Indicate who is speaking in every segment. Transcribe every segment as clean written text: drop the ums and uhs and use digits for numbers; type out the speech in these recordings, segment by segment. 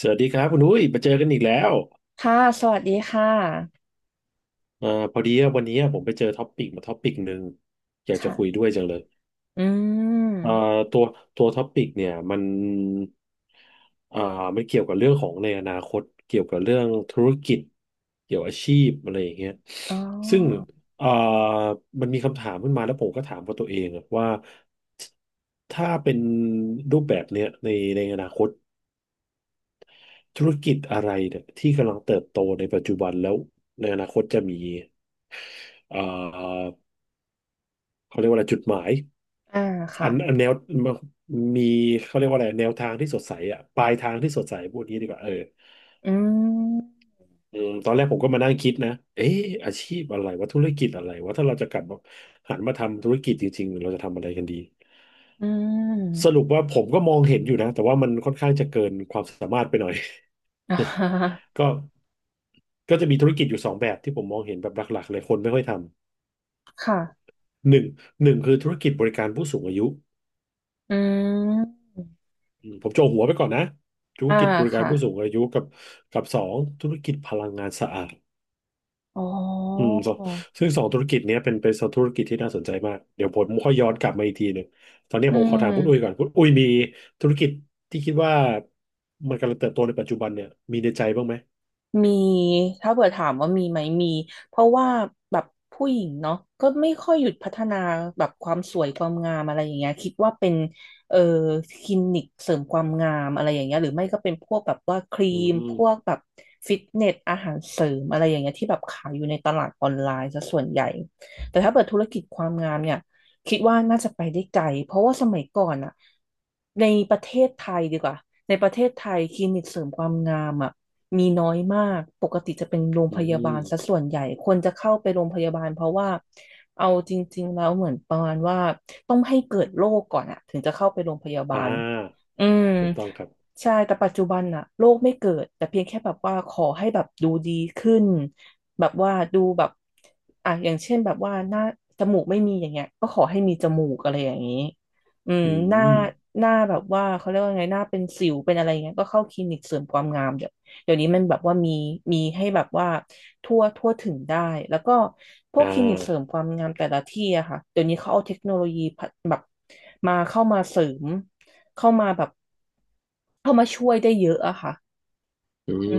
Speaker 1: สวัสดีครับคุณอุ้ยมาเจอกันอีกแล้ว
Speaker 2: ค่ะสวัสดีค่ะ
Speaker 1: เอ่อพอดีว่าวันนี้ผมไปเจอท็อปปิกมาท็อปปิกหนึ่งอยากจะคุย
Speaker 2: ค่ะ
Speaker 1: ด้วยจังเลย
Speaker 2: อื
Speaker 1: เอ่อ
Speaker 2: ม
Speaker 1: ตัวตัวท็อปปิกเนี่ยมันอ่ามันเกี่ยวกับเรื่องของในอนาคตเกี่ยวกับเรื่องธุรกิจเกี่ยวอาชีพอะไรอย่างเงี้ย
Speaker 2: อ๋อ
Speaker 1: ซึ่งเอ่อมันมีคำถามขึ้นมาแล้วผมก็ถามกับตัวเองอะว่าถ้าเป็นรูปแบบเนี้ยในอนาคตธุรกิจอะไรเนี่ยที่กำลังเติบโตในปัจจุบันแล้วในอนาคตจะมี เอ่อเขาเรียกว่าอะไรจุดหมาย
Speaker 2: อ่าค่ะ
Speaker 1: อันแนวมีเขาเรียกว่าอะไรแนวทางที่สดใสอ่ะปลายทางที่สดใสพูดงี้ดีกว่าเออ
Speaker 2: อืม
Speaker 1: อืมตอนแรกผมก็มานั่งคิดนะเอ๊ะอาชีพอะไรว่าธุรกิจอะไรว่าถ้าเราจะกลับมาหันมาทำธุรกิจจริงๆเราจะทำอะไรกันดี
Speaker 2: อื
Speaker 1: สรุป
Speaker 2: ม
Speaker 1: ว่าผมก็มองเห็นอยู่นะแต่ว่ามันค่อนข้างจะเกินความสามารถไปหน่อย
Speaker 2: อ่าฮะ
Speaker 1: ก็ก็จะมีธุรกิจอยู่สองแบบที่ผมมองเห็นแบบหลักๆเลยคนไม่ค่อยท
Speaker 2: ค่ะ
Speaker 1: ำหนึ่งคือธุรกิจบริการผู้สูงอายุ
Speaker 2: อืม
Speaker 1: อืมผมโจหัวไปก่อนนะธุร
Speaker 2: อ่า
Speaker 1: กิจบริการ
Speaker 2: ค่ะ
Speaker 1: ผู้สูงอายุกับสองธุรกิจพลังงานสะอาด
Speaker 2: อ๋
Speaker 1: อื
Speaker 2: อ
Speaker 1: มสองซึ่งสองธุรกิจเนี้ยเป็นสองธุรกิจที่น่าสนใจมากเดี๋ยวผมค่อยย้อนกลับมาอีกทีหนึ่งตอนนี้
Speaker 2: อื
Speaker 1: ผมขอถามคุณอุ้ย
Speaker 2: ม
Speaker 1: ก่อนคุณอุ้ยมีธุรกิจที่คิดว่ามันกำลังเติบโตในปัจจุบันเนี่ยมีในใจบ้างไหม
Speaker 2: มีถ้าเผื่อถามว่ามีไหมมีเพราะว่าแบบผู้หญิงเนาะก็ไม่ค่อยหยุดพัฒนาแบบความสวยความงามอะไรอย่างเงี้ยคิดว่าเป็นเอ่อคลินิกเสริมความงามอะไรอย่างเงี้ยหรือไม่ก็เป็นพวกแบบว่าครี
Speaker 1: อื
Speaker 2: มพ
Speaker 1: ม
Speaker 2: วกแบบฟิตเนสอาหารเสริมอะไรอย่างเงี้ยที่แบบขายอยู่ในตลาดออนไลน์ซะส่วนใหญ่แต่ถ้าเปิดธุรกิจความงามเนี่ย คิดว่าน่าจะไปได้ไกลเพราะว่าสมัยก่อนอะในประเทศไทยดีกว่าในประเทศไทยคลินิกเสริมความงามอะมีน้อยมากปกติจะเป็นโรง
Speaker 1: อื
Speaker 2: พยาบา
Speaker 1: ม
Speaker 2: ลซะส่วนใหญ่คนจะเข้าไปโรงพยาบาลเพราะว่าเอาจริงๆแล้วเหมือนประมาณว่าต้องให้เกิดโรคก่อนอะถึงจะเข้าไปโรงพยาบา
Speaker 1: อ่า
Speaker 2: ลอืม
Speaker 1: ถูกต้องครับ
Speaker 2: ใช่แต่ปัจจุบันอะโรคไม่เกิดแต่เพียงแค่แบบว่าขอให้แบบดูดีขึ้นแบบว่าดูแบบอ่ะอย่างเช่นแบบว่าหน้าจมูกไม่มีอย่างเงี้ยก็ขอให้มีจมูกอะไรอย่างนี้อืม
Speaker 1: อื
Speaker 2: หน้า
Speaker 1: ม
Speaker 2: หน้าแบบว่าเขาเรียกว่าไงหน้าเป็นสิวเป็นอะไรเงี้ยก็เข้าคลินิกเสริมความงามเดี๋ยวนี้มันแบบว่ามีให้แบบว่าทั่วทั่วถึงได้แล้วก็พว
Speaker 1: อ่
Speaker 2: กคลินิกเสริม
Speaker 1: า
Speaker 2: ความงามแต่ละที่อะค่ะเดี๋ยวนี้เขาเอาเทคโนโลยีพัฒแบบมาเข้ามาเสริมเข้ามาแบบ เข้ามาช่วยได้เยอะอะค่ะ
Speaker 1: อื
Speaker 2: อื
Speaker 1: ม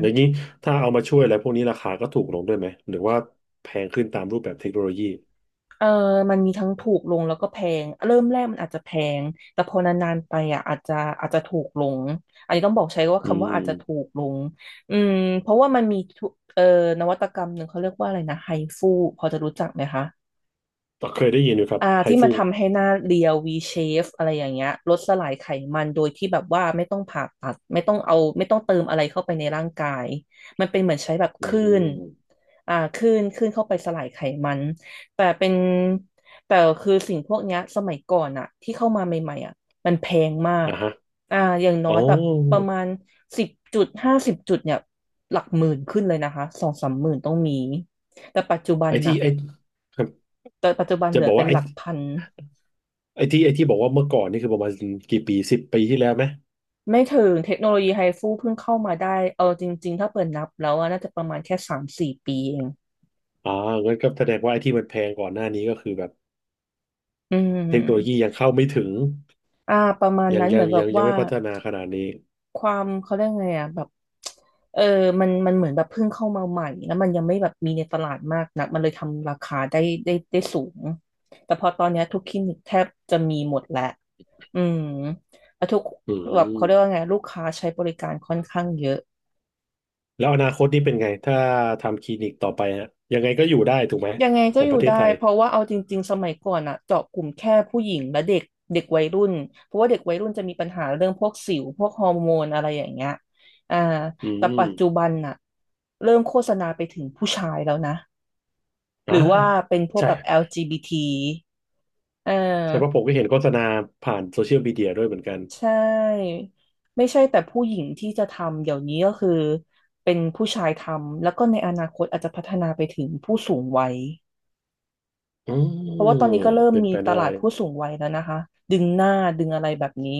Speaker 1: อย่างนี้ถ้าเอามาช่วยอะไรพวกนี้ราคาก็ถูกลงด้วยไหมหรือว่าแพงขึ้นตามรูปแบบเทคโนโลยี
Speaker 2: เออมันมีทั้งถูกลงแล้วก็แพง เริ่มแรกมันอาจจะแพง แต่พอนานๆไปอ่ะอาจจะถูกลง อันนี้ต้องบอกใช้ว่า
Speaker 1: อื
Speaker 2: คำว่าอาจจะถู
Speaker 1: ม
Speaker 2: กลงอืมเพราะว่ามันมีทุเอ่อนวัตกรรมหนึ่งเขาเรียกว่าอะไรนะไฮฟูพอจะรู้จักไหมคะ
Speaker 1: ก็เคยได้ยินอยู่ครับ
Speaker 2: อ่า
Speaker 1: ไฮ
Speaker 2: ที่มัน
Speaker 1: ฟู
Speaker 2: ทำให้หน้าเรียว V shape อะไรอย่างเงี้ยลดสลายไขมันโดยที่แบบว่าไม่ต้องผ่าตัดไม่ต้องเอาไม่ต้องเติมอะไรเข้าไปในร่างกายมันเป็นเหมือนใช้แบบค
Speaker 1: อื
Speaker 2: ลื่น
Speaker 1: ม
Speaker 2: อ่าคลื่นเข้าไปสลายไขมันแต่เป็นแต่คือสิ่งพวกเนี้ยสมัยก่อนอะที่เข้ามาใหม่ๆอะมันแพงมาก
Speaker 1: อ่ะฮะ
Speaker 2: อ่าอย่างน้อ
Speaker 1: อ๋อ
Speaker 2: ยแบบประมาณสิบจุดห้าสิบจุดเนี่ยหลักหมื่นขึ้นเลยนะคะสองสามหมื่นต้องมีแต่ปัจจุบั
Speaker 1: ไอ
Speaker 2: นน่ะ
Speaker 1: ที่ไอครับ
Speaker 2: แต่ปัจจุบันเห
Speaker 1: จะ
Speaker 2: ลือ
Speaker 1: บอก
Speaker 2: เป็น
Speaker 1: ว่าไอ
Speaker 2: หลักพัน
Speaker 1: ไอที่บอกว่าเมื่อก่อนนี่คือประมาณกี่ปีสิบปีที่แล้วไหม
Speaker 2: ไม่ถึงเทคโนโลยีไฮฟูเพิ่งเข้ามาได้เอาจริงๆถ้าเปิดนับแล้วอะน่าจะประมาณแค่สามสี่ปีเอง
Speaker 1: อ่างั้นก็แสดงว่าไอที่มันแพงก่อนหน้านี้ก็คือแบบ
Speaker 2: อื
Speaker 1: เทคโนโลยี
Speaker 2: ม
Speaker 1: ยังเข้าไม่ถึง
Speaker 2: อ่าประมาณ
Speaker 1: ยัง
Speaker 2: นั้นเห
Speaker 1: ยั
Speaker 2: มื
Speaker 1: ง
Speaker 2: อนแบ
Speaker 1: ยั
Speaker 2: บ
Speaker 1: งยัง
Speaker 2: ว่า
Speaker 1: ไม่พัฒนาขนาดนี้
Speaker 2: ความเขาเรียกไงอ่ะแบบเออมันมันเหมือนแบบเพิ่งเข้ามาใหม่แล้วมันยังไม่แบบมีในตลาดมากนักมันเลยทำราคาได้สูงแต่พอตอนเนี้ยทุกคลินิกแทบจะมีหมดแล้วอืมแล้วทุก
Speaker 1: อื
Speaker 2: แบบเขาเรียกว่า
Speaker 1: ม
Speaker 2: ไงลูกค้าใช้บริการค่อนข้างเยอะ
Speaker 1: แล้วอนาคตนี่เป็นไงถ้าทำคลินิกต่อไปฮะยังไงก็อยู่ได้ถูกไหม
Speaker 2: ยังไง
Speaker 1: ข
Speaker 2: ก็
Speaker 1: อง
Speaker 2: อ
Speaker 1: ป
Speaker 2: ยู่
Speaker 1: ระเทศ
Speaker 2: ได้
Speaker 1: ไทย
Speaker 2: เพราะว่าเอาจริงๆสมัยก่อนอะเจาะกลุ่มแค่ผู้หญิงและเด็กเด็กวัยรุ่นเพราะว่าเด็กวัยรุ่นจะมีปัญหาเรื่องพวกสิวพวกฮอร์โมนอะไรอย่างเงี้ยอ่า
Speaker 1: อื
Speaker 2: แต่
Speaker 1: ม
Speaker 2: ปัจจุบันน่ะเริ่มโฆษณาไปถึงผู้ชายแล้วนะห
Speaker 1: อ่า
Speaker 2: รือว่าเป็นพวก
Speaker 1: ใช่
Speaker 2: แบบ LGBT เอ
Speaker 1: ใช่เพราะ
Speaker 2: อ
Speaker 1: ผมก็เห็นโฆษณาผ่านโซเชียลมีเดียด้วยเหมือนกัน
Speaker 2: ใช่ไม่ใช่แต่ผู้หญิงที่จะทำเดี๋ยวนี้ก็คือเป็นผู้ชายทำแล้วก็ในอนาคตอาจจะพัฒนาไปถึงผู้สูงวัย
Speaker 1: อื
Speaker 2: เพราะว่า
Speaker 1: ม
Speaker 2: ตอนนี้ก็เริ่ม
Speaker 1: เป็น
Speaker 2: มี
Speaker 1: ไป
Speaker 2: ต
Speaker 1: ได้
Speaker 2: ลาดผู้สูงวัยแล้วนะคะดึงหน้าดึงอะไรแบบนี้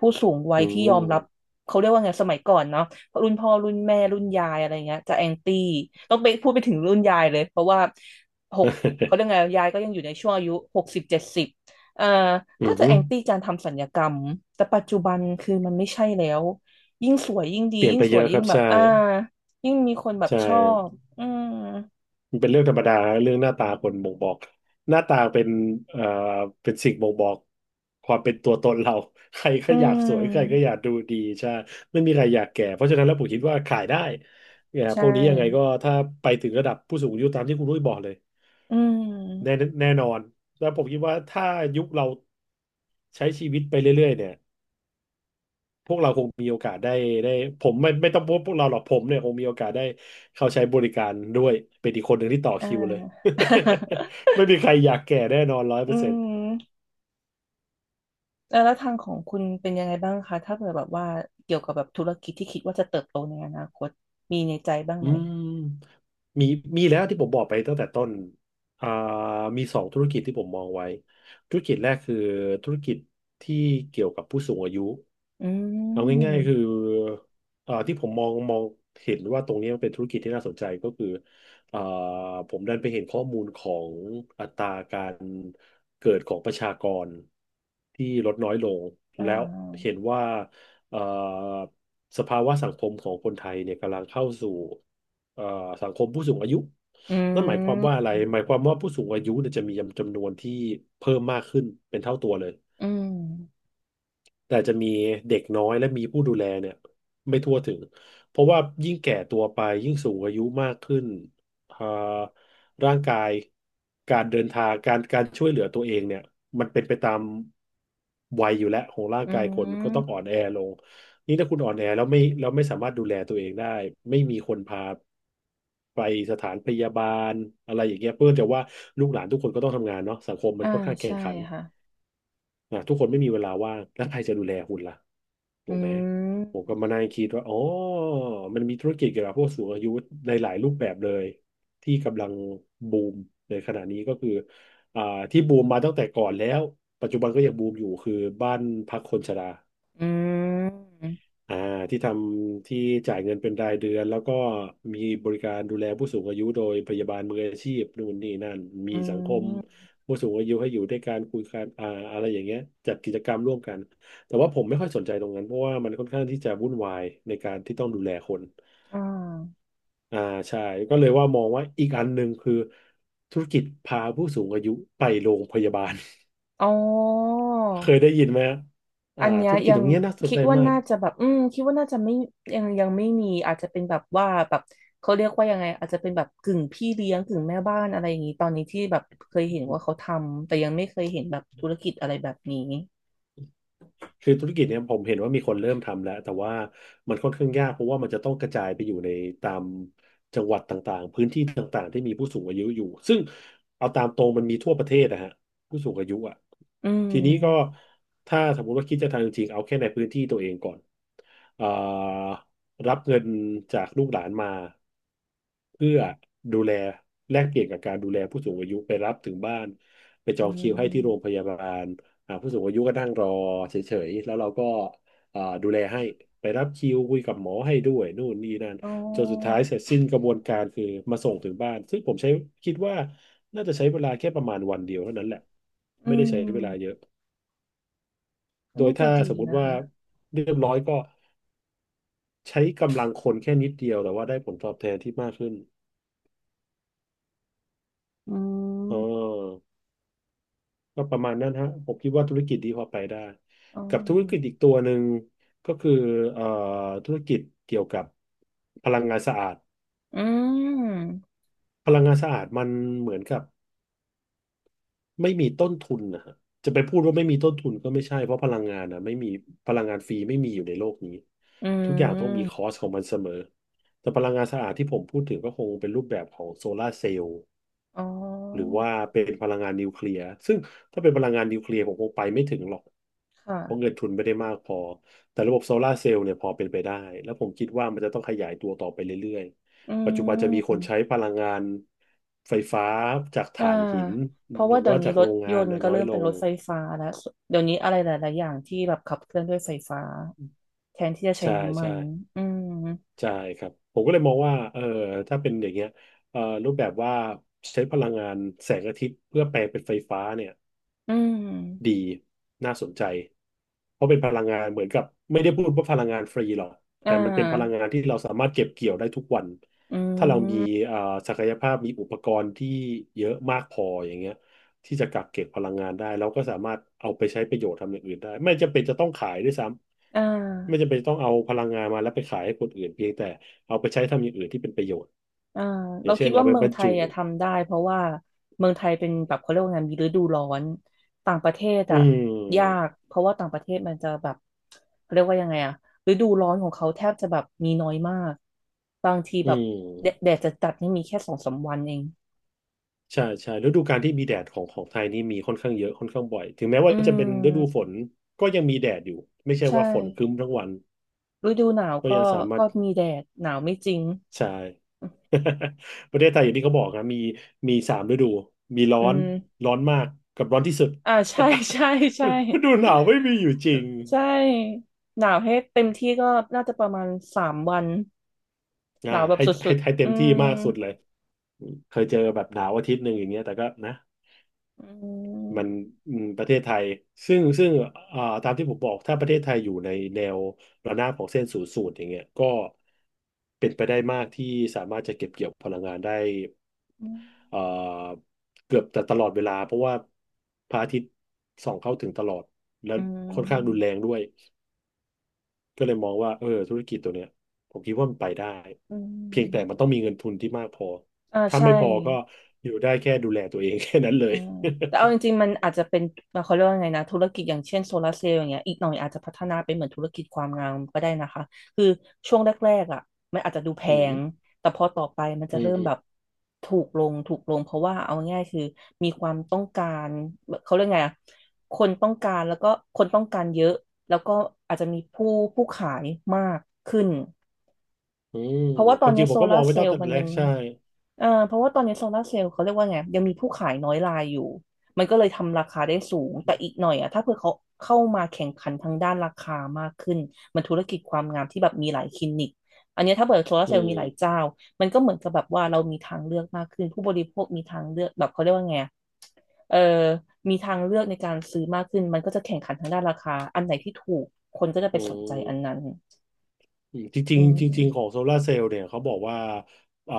Speaker 2: ผู้สูงวัย
Speaker 1: อื
Speaker 2: ที่
Speaker 1: ม
Speaker 2: ยอมรับเขาเรียกว่าไงสมัยก่อนเนาะรุ่นพ่อรุ่นแม่รุ่นยายอะไรเงี้ยจะแอนตี้ต้องไปพูดไปถึงรุ่นยายเลยเพราะว่าหกเขาเรียกไง ยายก็ยังอยู่ในช่วงอายุ60-70เอ่อก็
Speaker 1: อือ
Speaker 2: จะ
Speaker 1: ฮึ
Speaker 2: แอนตี้การทำศัลยกรรมแต่ปัจจุบันคือมันไม่ใช่แล้วยิ่งสวยยิ่งดี
Speaker 1: เปลี่ยน
Speaker 2: ยิ่ง
Speaker 1: ไป
Speaker 2: ส
Speaker 1: เย
Speaker 2: วย
Speaker 1: อะค
Speaker 2: ยิ่
Speaker 1: รั
Speaker 2: ง
Speaker 1: บ
Speaker 2: แบบ
Speaker 1: ใช่
Speaker 2: ยิ่งมีคนแบบ
Speaker 1: ใช่
Speaker 2: ชอบอืม
Speaker 1: มันเป็นเรื่องธรรมดาเรื่องหน้าตาคนบ่งบอกหน้าตาเป็นเอ่อเป็นสิ่งบ่งบอกความเป็นตัวตนเรา ใคร
Speaker 2: อื
Speaker 1: ก็อยากสวยใครก็
Speaker 2: ม
Speaker 1: อยากดูดีใช่ไม่มีใครอยากแก่เพราะฉะนั้นแล้วผมคิดว่าขายได้เนี่ย
Speaker 2: ใช่
Speaker 1: พวกนี้ยังไงก็ถ้าไปถึงระดับผู้สูงอายุตามที่คุณรุ้ยบอกเลย
Speaker 2: อื
Speaker 1: แน่
Speaker 2: ม
Speaker 1: แน่นอนแล้วผมคิดว่าถ้ายุคเราใช้ชีวิตไปเรื่อยๆเนี่ย พวกเราคงมีโอกาสได้ผมไม่ต้องพวกเราหรอกผมเนี่ยคงมีโอกาสได้เข้าใช้บริการด้วยเป็นอีกคนหนึ่งที่ต่อ
Speaker 2: อ่า
Speaker 1: คิวเลย ไม่มีใครอยากแก่แน่นอนร้อยเป
Speaker 2: อื
Speaker 1: อร์เซ็นต์
Speaker 2: มแล้วทางของคุณเป็นยังไงบ้างคะถ้าเกิดแบบว่าเกี่ยวกับแบบธุรกิจที่คิดว่าจะเติบโตในอนาคตมีในใจบ้าง
Speaker 1: อื
Speaker 2: ไหม
Speaker 1: มมีมีแล้วที่ผมบอกไปตั้งแต่ต้นอ่ามีสองธุรกิจที่ผมมองไว้ธุรกิจแรกคือธุรกิจที่เกี่ยวกับผู้สูงอายุ
Speaker 2: อื
Speaker 1: เอาง่ายๆคือ
Speaker 2: ม
Speaker 1: ที่ผมมองเห็นว่าตรงนี้มันเป็นธุรกิจที่น่าสนใจก็คือเอ่อผมดันไปเห็นข้อมูลของอัตราการเกิดของประชากรที่ลดน้อยลง
Speaker 2: อ่
Speaker 1: แล้ว
Speaker 2: า
Speaker 1: เห็นว่าเอ่อสภาวะสังคมของคนไทยเนี่ยกำลังเข้าสู่เอ่อสังคมผู้สูงอายุ
Speaker 2: อื
Speaker 1: นั่นหมายความว่าอะไร
Speaker 2: ม
Speaker 1: หมายความว่าผู้สูงอายุเนี่ยจะมีจำนวนที่เพิ่มมากขึ้นเป็นเท่าตัวเลย
Speaker 2: อืม
Speaker 1: แต่อาจจะมีเด็กน้อยและมีผู้ดูแลเนี่ยไม่ทั่วถึงเพราะว่ายิ่งแก่ตัวไปยิ่งสูงอายุมากขึ้นอ่าร่างกายการเดินทางการช่วยเหลือตัวเองเนี่ยมันเป็นไปตามวัยอยู่แล้วของร่าง
Speaker 2: อื
Speaker 1: กายคนก็ต้องอ่อ
Speaker 2: ม
Speaker 1: นแอลงนี่ถ้าคุณอ่อนแอแล้วไม่สามารถดูแลตัวเองได้ไม่มีคนพาไปสถานพยาบาลอะไรอย่างเงี้ยเพื่อจะว่าลูกหลานทุกคนก็ต้องทำงานเนาะสังคมมั
Speaker 2: อ่า
Speaker 1: นค่อนข้างแข่
Speaker 2: ใช่
Speaker 1: งขัน
Speaker 2: ค่ะ
Speaker 1: อ่ะทุกคนไม่มีเวลาว่างแล้วใครจะดูแลคุณล่ะ
Speaker 2: อื
Speaker 1: ถูกไหมผม
Speaker 2: ม
Speaker 1: ก็มานั่งคิดว่าอ๋อมันมีธุรกิจเกี่ยวกับพวกสูงอายุในหลายรูปแบบเลยที่กำลังบูมในขณะนี้ก็คืออ่าที่บูมมาตั้งแต่ก่อนแล้วปัจจุบันก็ยังบูมอยู่คือบ้านพักคนชรา
Speaker 2: อืม
Speaker 1: อ่าที่ทำที่จ่ายเงินเป็นรายเดือนแล้วก็มีบริการดูแลผู้สูงอายุโดยพยาบาลมืออาชีพนู่นนี่นั่นมี
Speaker 2: อื
Speaker 1: สังคม
Speaker 2: ม
Speaker 1: ผู้สูงอายุให้อยู่ด้วยการคุยกันอะไรอย่างเงี้ยจัดกิจกรรมร่วมกันแต่ว่าผมไม่ค่อยสนใจตรงนั้นเพราะว่ามันค่อนข้างที่จะวุ่นวายในการที่ต้องดูแลคน
Speaker 2: อ่า
Speaker 1: อ่าใช่ก็เลยว่ามองว่าอีกอันหนึ่งคือธุรกิจพาผู้สูงอายุไปโรงพยาบาล
Speaker 2: อ๋อ
Speaker 1: เคยได้ยินไหมฮะอ่า
Speaker 2: อันเนี้ย
Speaker 1: ธุรกิจ
Speaker 2: ยั
Speaker 1: ต
Speaker 2: ง
Speaker 1: รงเนี้ยน่าสน
Speaker 2: คิด
Speaker 1: ใจ
Speaker 2: ว่า
Speaker 1: มาก
Speaker 2: น่าจะแบบคิดว่าน่าจะไม่ยังไม่มีอาจจะเป็นแบบว่าแบบเขาเรียกว่ายังไงอาจจะเป็นแบบกึ่งพี่เลี้ยงกึ่งแม่บ้านอะไรอย่างนี้ตอนนี้ที่แบบเคยเห็นว่าเขาทำแต่ยังไม่เคยเห็นแบบธุรกิจอะไรแบบนี้
Speaker 1: คือธุรกิจเนี่ยผมเห็นว่ามีคนเริ่มทำแล้วแต่ว่ามันค่อนข้างยากเพราะว่ามันจะต้องกระจายไปอยู่ในตามจังหวัดต่างๆพื้นที่ต่างๆที่มีผู้สูงอายุอยู่ซึ่งเอาตามตรงมันมีทั่วประเทศนะฮะผู้สูงอายุอ่ะ
Speaker 2: อืม
Speaker 1: ทีนี้ก็ถ้าสมมติว่าคิดจะทำจริงๆเอาแค่ในพื้นที่ตัวเองก่อนเอ่อรับเงินจากลูกหลานมา เพื่อดูแลแลกเปลี่ยนกับการดูแลผู้สูงอายุไปรับถึงบ้านไปจ
Speaker 2: อื
Speaker 1: องคิวให้ที่โรงพ
Speaker 2: ม
Speaker 1: ยาบาลผู้สูงอายุก็นั่งรอเฉยๆแล้วเราก็ดูแลให้ไปรับคิวคุยกับหมอให้ด้วยนู่นนี่นั่น
Speaker 2: อ๋อ
Speaker 1: จนสุดท้ายเสร็จสิ้นกระบวนการคือมาส่งถึงบ้านซึ่งผมใช้คิดว่าน่าจะใช้เวลาแค่ประมาณวันเดียวเท่านั้นแหละไม่
Speaker 2: อื
Speaker 1: ได้ใช้เว
Speaker 2: ม
Speaker 1: ลาเยอะ
Speaker 2: ก็
Speaker 1: โดย
Speaker 2: น่าจะ
Speaker 1: ถ้า
Speaker 2: ดี
Speaker 1: สมมุติ
Speaker 2: นะ
Speaker 1: ว่า
Speaker 2: คะ
Speaker 1: เรียบร้อยก็ใช้กำลังคนแค่นิดเดียวแต่ว่าได้ผลตอบแทนที่มากขึ้น
Speaker 2: อื
Speaker 1: อ๋
Speaker 2: ม
Speaker 1: อ ก็ประมาณนั้นฮะผมคิดว่าธุรกิจนี้พอไปได้
Speaker 2: อ๋อ
Speaker 1: กับธุรกิจอีกตัวหนึ่งก็คือเอ่อธุรกิจเกี่ยวกับพลังงานสะอาด
Speaker 2: อืม
Speaker 1: พลังงานสะอาดมันเหมือนกับไม่มีต้นทุนนะฮะจะไปพูดว่าไม่มีต้นทุนก็ไม่ใช่เพราะพลังงานนะไม่มีพลังงานฟรีไม่มีอยู่ในโลกนี้
Speaker 2: อื
Speaker 1: ทุกอย่างต้องมีค
Speaker 2: ม
Speaker 1: อสของมันเสมอแต่พลังงานสะอาดที่ผมพูดถึงก็คงเป็นรูปแบบของโซลาร์เซลล์
Speaker 2: อ๋
Speaker 1: หรือ
Speaker 2: อ
Speaker 1: ว่าเป็นพลังงานนิวเคลียร์ซึ่งถ้าเป็นพลังงานนิวเคลียร์ผมคงไปไม่ถึงหรอก
Speaker 2: ค่ะ
Speaker 1: เพราะเงินทุนไม่ได้มากพอแต่ระบบโซลาร์เซลล์เนี่ยพอเป็นไปได้แล้วผมคิดว่ามันจะต้องขยายตัวต่อไปเรื่อย
Speaker 2: อื
Speaker 1: ๆปัจจุบันจะมีคนใช้
Speaker 2: ม
Speaker 1: พลังงานไฟฟ้าจาก
Speaker 2: อ่า
Speaker 1: ถ่านหิน
Speaker 2: เพราะ
Speaker 1: หรื
Speaker 2: ว่า
Speaker 1: อ
Speaker 2: เดี๋ย
Speaker 1: ว่า
Speaker 2: วนี้
Speaker 1: จาก
Speaker 2: ร
Speaker 1: โร
Speaker 2: ถ
Speaker 1: ง
Speaker 2: ย
Speaker 1: งาน
Speaker 2: นต์
Speaker 1: นะ
Speaker 2: ก็
Speaker 1: น้อย
Speaker 2: เริ่ม
Speaker 1: ล
Speaker 2: เป็นร
Speaker 1: ง
Speaker 2: ถไฟฟ้าแล้วเดี๋ยวนี้อะไรหลายๆอย่างที่แบบขับเคลื่อนด้วยไฟฟ้าแทนที่จะใช้
Speaker 1: ใช่
Speaker 2: น้ำมั
Speaker 1: ใช่
Speaker 2: นอืม
Speaker 1: ใช่ครับผมก็เลยมองว่าเออถ้าเป็นอย่างเงี้ยเออรูปแบบว่าใช้พลังงานแสงอาทิตย์เพื่อแปลงเป็นไฟฟ้าเนี่ย
Speaker 2: อื
Speaker 1: ดี
Speaker 2: ม
Speaker 1: น่าสนใจเพราะเป็นพลังงานเหมือนกับไม่ได้พูดว่าพลังงานฟรีหรอก
Speaker 2: อ่
Speaker 1: แต่มันเป็นพลัง
Speaker 2: า
Speaker 1: งานที่เราสามารถเก็บเกี่ยวได้ทุกวัน
Speaker 2: อื
Speaker 1: ถ้าเรามี
Speaker 2: ม
Speaker 1: เอ่อศักยภาพมีอุปกรณ์ที่เยอะมากพออย่างเงี้ยที่จะกักเก็บพลังงานได้เราก็สามารถเอาไปใช้ประโยชน์ทำอย่างอื่นได้ไม่จำเป็นจะต้องขายด้วยซ้
Speaker 2: อ่า
Speaker 1: ำไม่จำเป็นต้องเอาพลังงานมาแล้วไปขายให้คนอื่นเพียงแต่เอาไปใช้ทำอย่างอื่นที่เป็นประโยชน์
Speaker 2: อ่า
Speaker 1: อย่า
Speaker 2: เรา
Speaker 1: งเช่
Speaker 2: คิด
Speaker 1: นเอา
Speaker 2: ว่า
Speaker 1: ไป
Speaker 2: เมือ
Speaker 1: บ
Speaker 2: ง
Speaker 1: รร
Speaker 2: ไท
Speaker 1: จุ
Speaker 2: ยอะทำได้เพราะว่าเมืองไทยเป็นแบบเขาเรียกว่าไงมีฤดูร้อนต่างประเทศ
Speaker 1: อื
Speaker 2: อะยาก
Speaker 1: ม
Speaker 2: เพราะว่าต่างประเทศมันจะแบบเขาเรียกว่ายังไงอะฤดูร้อนของเขาแทบจะแบบมีน้อยมากบางที
Speaker 1: อื
Speaker 2: แบบแดดแด
Speaker 1: ม
Speaker 2: ดจะจัดนี่มีแค่สองสามวันเอง
Speaker 1: ใช่ใช่ฤดูกาลที่มีแดดของของไทยนี่มีค่อนข้างเยอะค่อนข้างบ่อยถึงแม้
Speaker 2: อื
Speaker 1: ว่าจะเป็นฤดูฝ
Speaker 2: ม
Speaker 1: นก็ยังมีแดดอยู่ไม่ใช่
Speaker 2: ใช่
Speaker 1: ว่าฝนครึ้มทั้งวัน
Speaker 2: ฤดูหนาว
Speaker 1: ก็ยั
Speaker 2: ก็
Speaker 1: งสามาร
Speaker 2: ก็
Speaker 1: ถ
Speaker 2: มีแดดหนาวไม่จริง
Speaker 1: ใช่ ประเทศไทยอย่างที่เขาบอกนะมีสามฤดูมีร้อ
Speaker 2: อื
Speaker 1: น
Speaker 2: ม
Speaker 1: ร้อนมากกับร้อนที่สุด
Speaker 2: อ่า ใช่ใช่ใช่
Speaker 1: ฤดูหนาวไม่มีอยู่จริง
Speaker 2: ใช่หนาวให้เต็มที่ก็น่าจะประมาณสามวันหนาวแบบ
Speaker 1: ให้
Speaker 2: สุ
Speaker 1: ให้
Speaker 2: ด
Speaker 1: ให้
Speaker 2: ๆ
Speaker 1: เต็
Speaker 2: อื
Speaker 1: มที่
Speaker 2: ม
Speaker 1: มากสุดเลยเคยเจอแบบหนาวอาทิตย์หนึ่งอย่างเงี้ยแต่ก็นะ
Speaker 2: อื
Speaker 1: มัน
Speaker 2: ม
Speaker 1: อืมประเทศไทยซึ่งตามที่ผมบอกถ้าประเทศไทยอยู่ในแนวระนาบของเส้นศูนย์สูตรอย่างเงี้ยก็เป็นไปได้มากที่สามารถจะเก็บเกี่ยวพลังงานได้
Speaker 2: อื
Speaker 1: เอ่อเกือบแต่ตลอดเวลาเพราะว่าพระอาทิตย์ส่องเข้าถึงตลอดและค่อนข้างรุน
Speaker 2: ม
Speaker 1: แรงด้วยก็เลยมองว่าเออธุรกิจตัวเนี้ยผมคิดว่ามันไปได้
Speaker 2: อื
Speaker 1: เพียงแต่มัน
Speaker 2: ม
Speaker 1: ต้องมีเงินทุนที่มากพอ
Speaker 2: อ่า
Speaker 1: ถ้า
Speaker 2: ใช่
Speaker 1: ไม่พอก็อยู่ได้แค่ดูแลตัวเอง แค่นั้นเล
Speaker 2: เอ
Speaker 1: ย
Speaker 2: อแต่เอาจริงๆมันอาจจะเป็นเขาเรียกว่าไงนะธุรกิจอย่างเช่นโซลาร์เซลล์อย่างเงี้ยอีกหน่อยอาจจะพัฒนาเป็นเหมือนธุรกิจความงามก็ได้นะคะคือช่วงแรกๆอ่ะมันอาจจะดูแพ
Speaker 1: อื
Speaker 2: ง
Speaker 1: ม
Speaker 2: แต่พอต่อไปมันจะ
Speaker 1: อื
Speaker 2: เริ่มแบบ
Speaker 1: ม
Speaker 2: ถูกลงถูกลงเพราะว่าเอาง่ายๆคือมีความต้องการเขาเรียกไงอ่ะคนต้องการแล้วก็คนต้องการเยอะแล้วก็อาจจะมีผู้ขายมากขึ้น
Speaker 1: อืม
Speaker 2: เพราะว่าต
Speaker 1: ค
Speaker 2: อ
Speaker 1: วา
Speaker 2: น
Speaker 1: มจ
Speaker 2: นี้
Speaker 1: ริงผ
Speaker 2: โซ
Speaker 1: มก็ม
Speaker 2: ลา
Speaker 1: อง
Speaker 2: ร์
Speaker 1: ไม่
Speaker 2: เซ
Speaker 1: ตั้
Speaker 2: ล
Speaker 1: งแต่
Speaker 2: ล์มัน
Speaker 1: แร
Speaker 2: ยั
Speaker 1: ก
Speaker 2: ง
Speaker 1: ใช่
Speaker 2: เพราะว่าตอนนี้โซลาร์เซลล์เขาเรียกว่าไงยังมีผู้ขายน้อยรายอยู่มันก็เลยทำราคาได้สูงแต่อีกหน่อยอะถ้าเผื่อเขาเข้ามาแข่งขันทางด้านราคามากขึ้นมันธุรกิจความงามที่แบบมีหลายคลินิกอันเนี้ยถ้าเปิดโซลาร์
Speaker 1: อื
Speaker 2: เซลล์มีหลาย
Speaker 1: ม
Speaker 2: เจ้ามันก็เหมือนกับแบบว่าเรามีทางเลือกมากขึ้นผู้บริโภคมีทางเลือกแบบเขาเรียกว่าไงอะเออมีทางเลือกในการซื้อมากขึ้นมันก็จะแข่งขันทางด้านราคาอันไหนที่ถูกคนก็จะไป
Speaker 1: อื
Speaker 2: สนใจอัน
Speaker 1: ม
Speaker 2: นั้น
Speaker 1: อืมจริ
Speaker 2: อื
Speaker 1: งๆจริงๆของ
Speaker 2: ม
Speaker 1: โซลาร์เซลล์เนี่ยเขาบอกว่าอ่า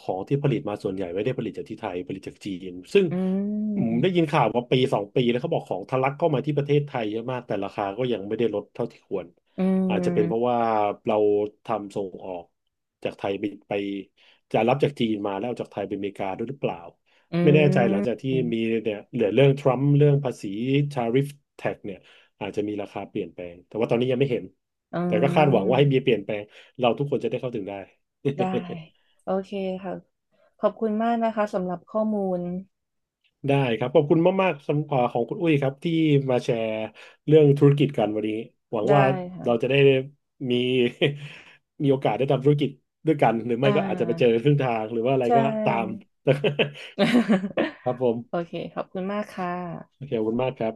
Speaker 1: ของที่ผลิตมาส่วนใหญ่ไม่ได้ผลิตจากที่ไทยผลิตจากจีนซึ่ง
Speaker 2: อื
Speaker 1: อืมได้ยิน
Speaker 2: ม
Speaker 1: ข่าวมาปีสองปีแล้วเขาบอกของทะลักเข้ามาที่ประเทศไทยเยอะมากแต่ราคาก็ยังไม่ได้ลดเท่าที่ควร
Speaker 2: อื
Speaker 1: อาจจะเป็นเพราะ
Speaker 2: ม
Speaker 1: ว่าเราทำส่งออกจากไทยไปจะรับจากจีนมาแล้วเอาจากไทยไปอเมริกาด้วยหรือเปล่า
Speaker 2: อื
Speaker 1: ไม่แน่ใจหลังจาก
Speaker 2: ม
Speaker 1: ที่มีเนี่ยเหลือเรื่องทรัมป์เรื่องภาษีทาริฟแท็กเนี่ย อาจจะมีราคาเปลี่ยนแปลงแต่ว่าตอนนี้ยังไม่เห็น
Speaker 2: อื
Speaker 1: แต่ก็คาดหวังว่าให้
Speaker 2: ม
Speaker 1: มีเปลี่ยนแปลงเราทุกคนจะได้เข้าถึงได้
Speaker 2: ได้ โอเคค่ะ ขอบคุณมากนะคะสำหรับข้อมูล
Speaker 1: ได้ครับขอบคุณมากๆสำหรับของคุณอุ้ยครับที่มาแชร์เรื่องธุรกิจกันวันนี้หวัง
Speaker 2: ได้
Speaker 1: ว่า
Speaker 2: ค่ะ
Speaker 1: เราจะได้มี มีโอกาสได้ทำธุรกิจด้วยกันหรือ
Speaker 2: อ่
Speaker 1: ไม่ก็อาจจะไปเจอ
Speaker 2: า
Speaker 1: ครึ่งทางหรือว่าอะไร
Speaker 2: ใช
Speaker 1: ก็ตาม
Speaker 2: ่
Speaker 1: ครับผม
Speaker 2: โอเค ขอบคุณมากค่ะ
Speaker 1: โอเคขอบคุณมากครับ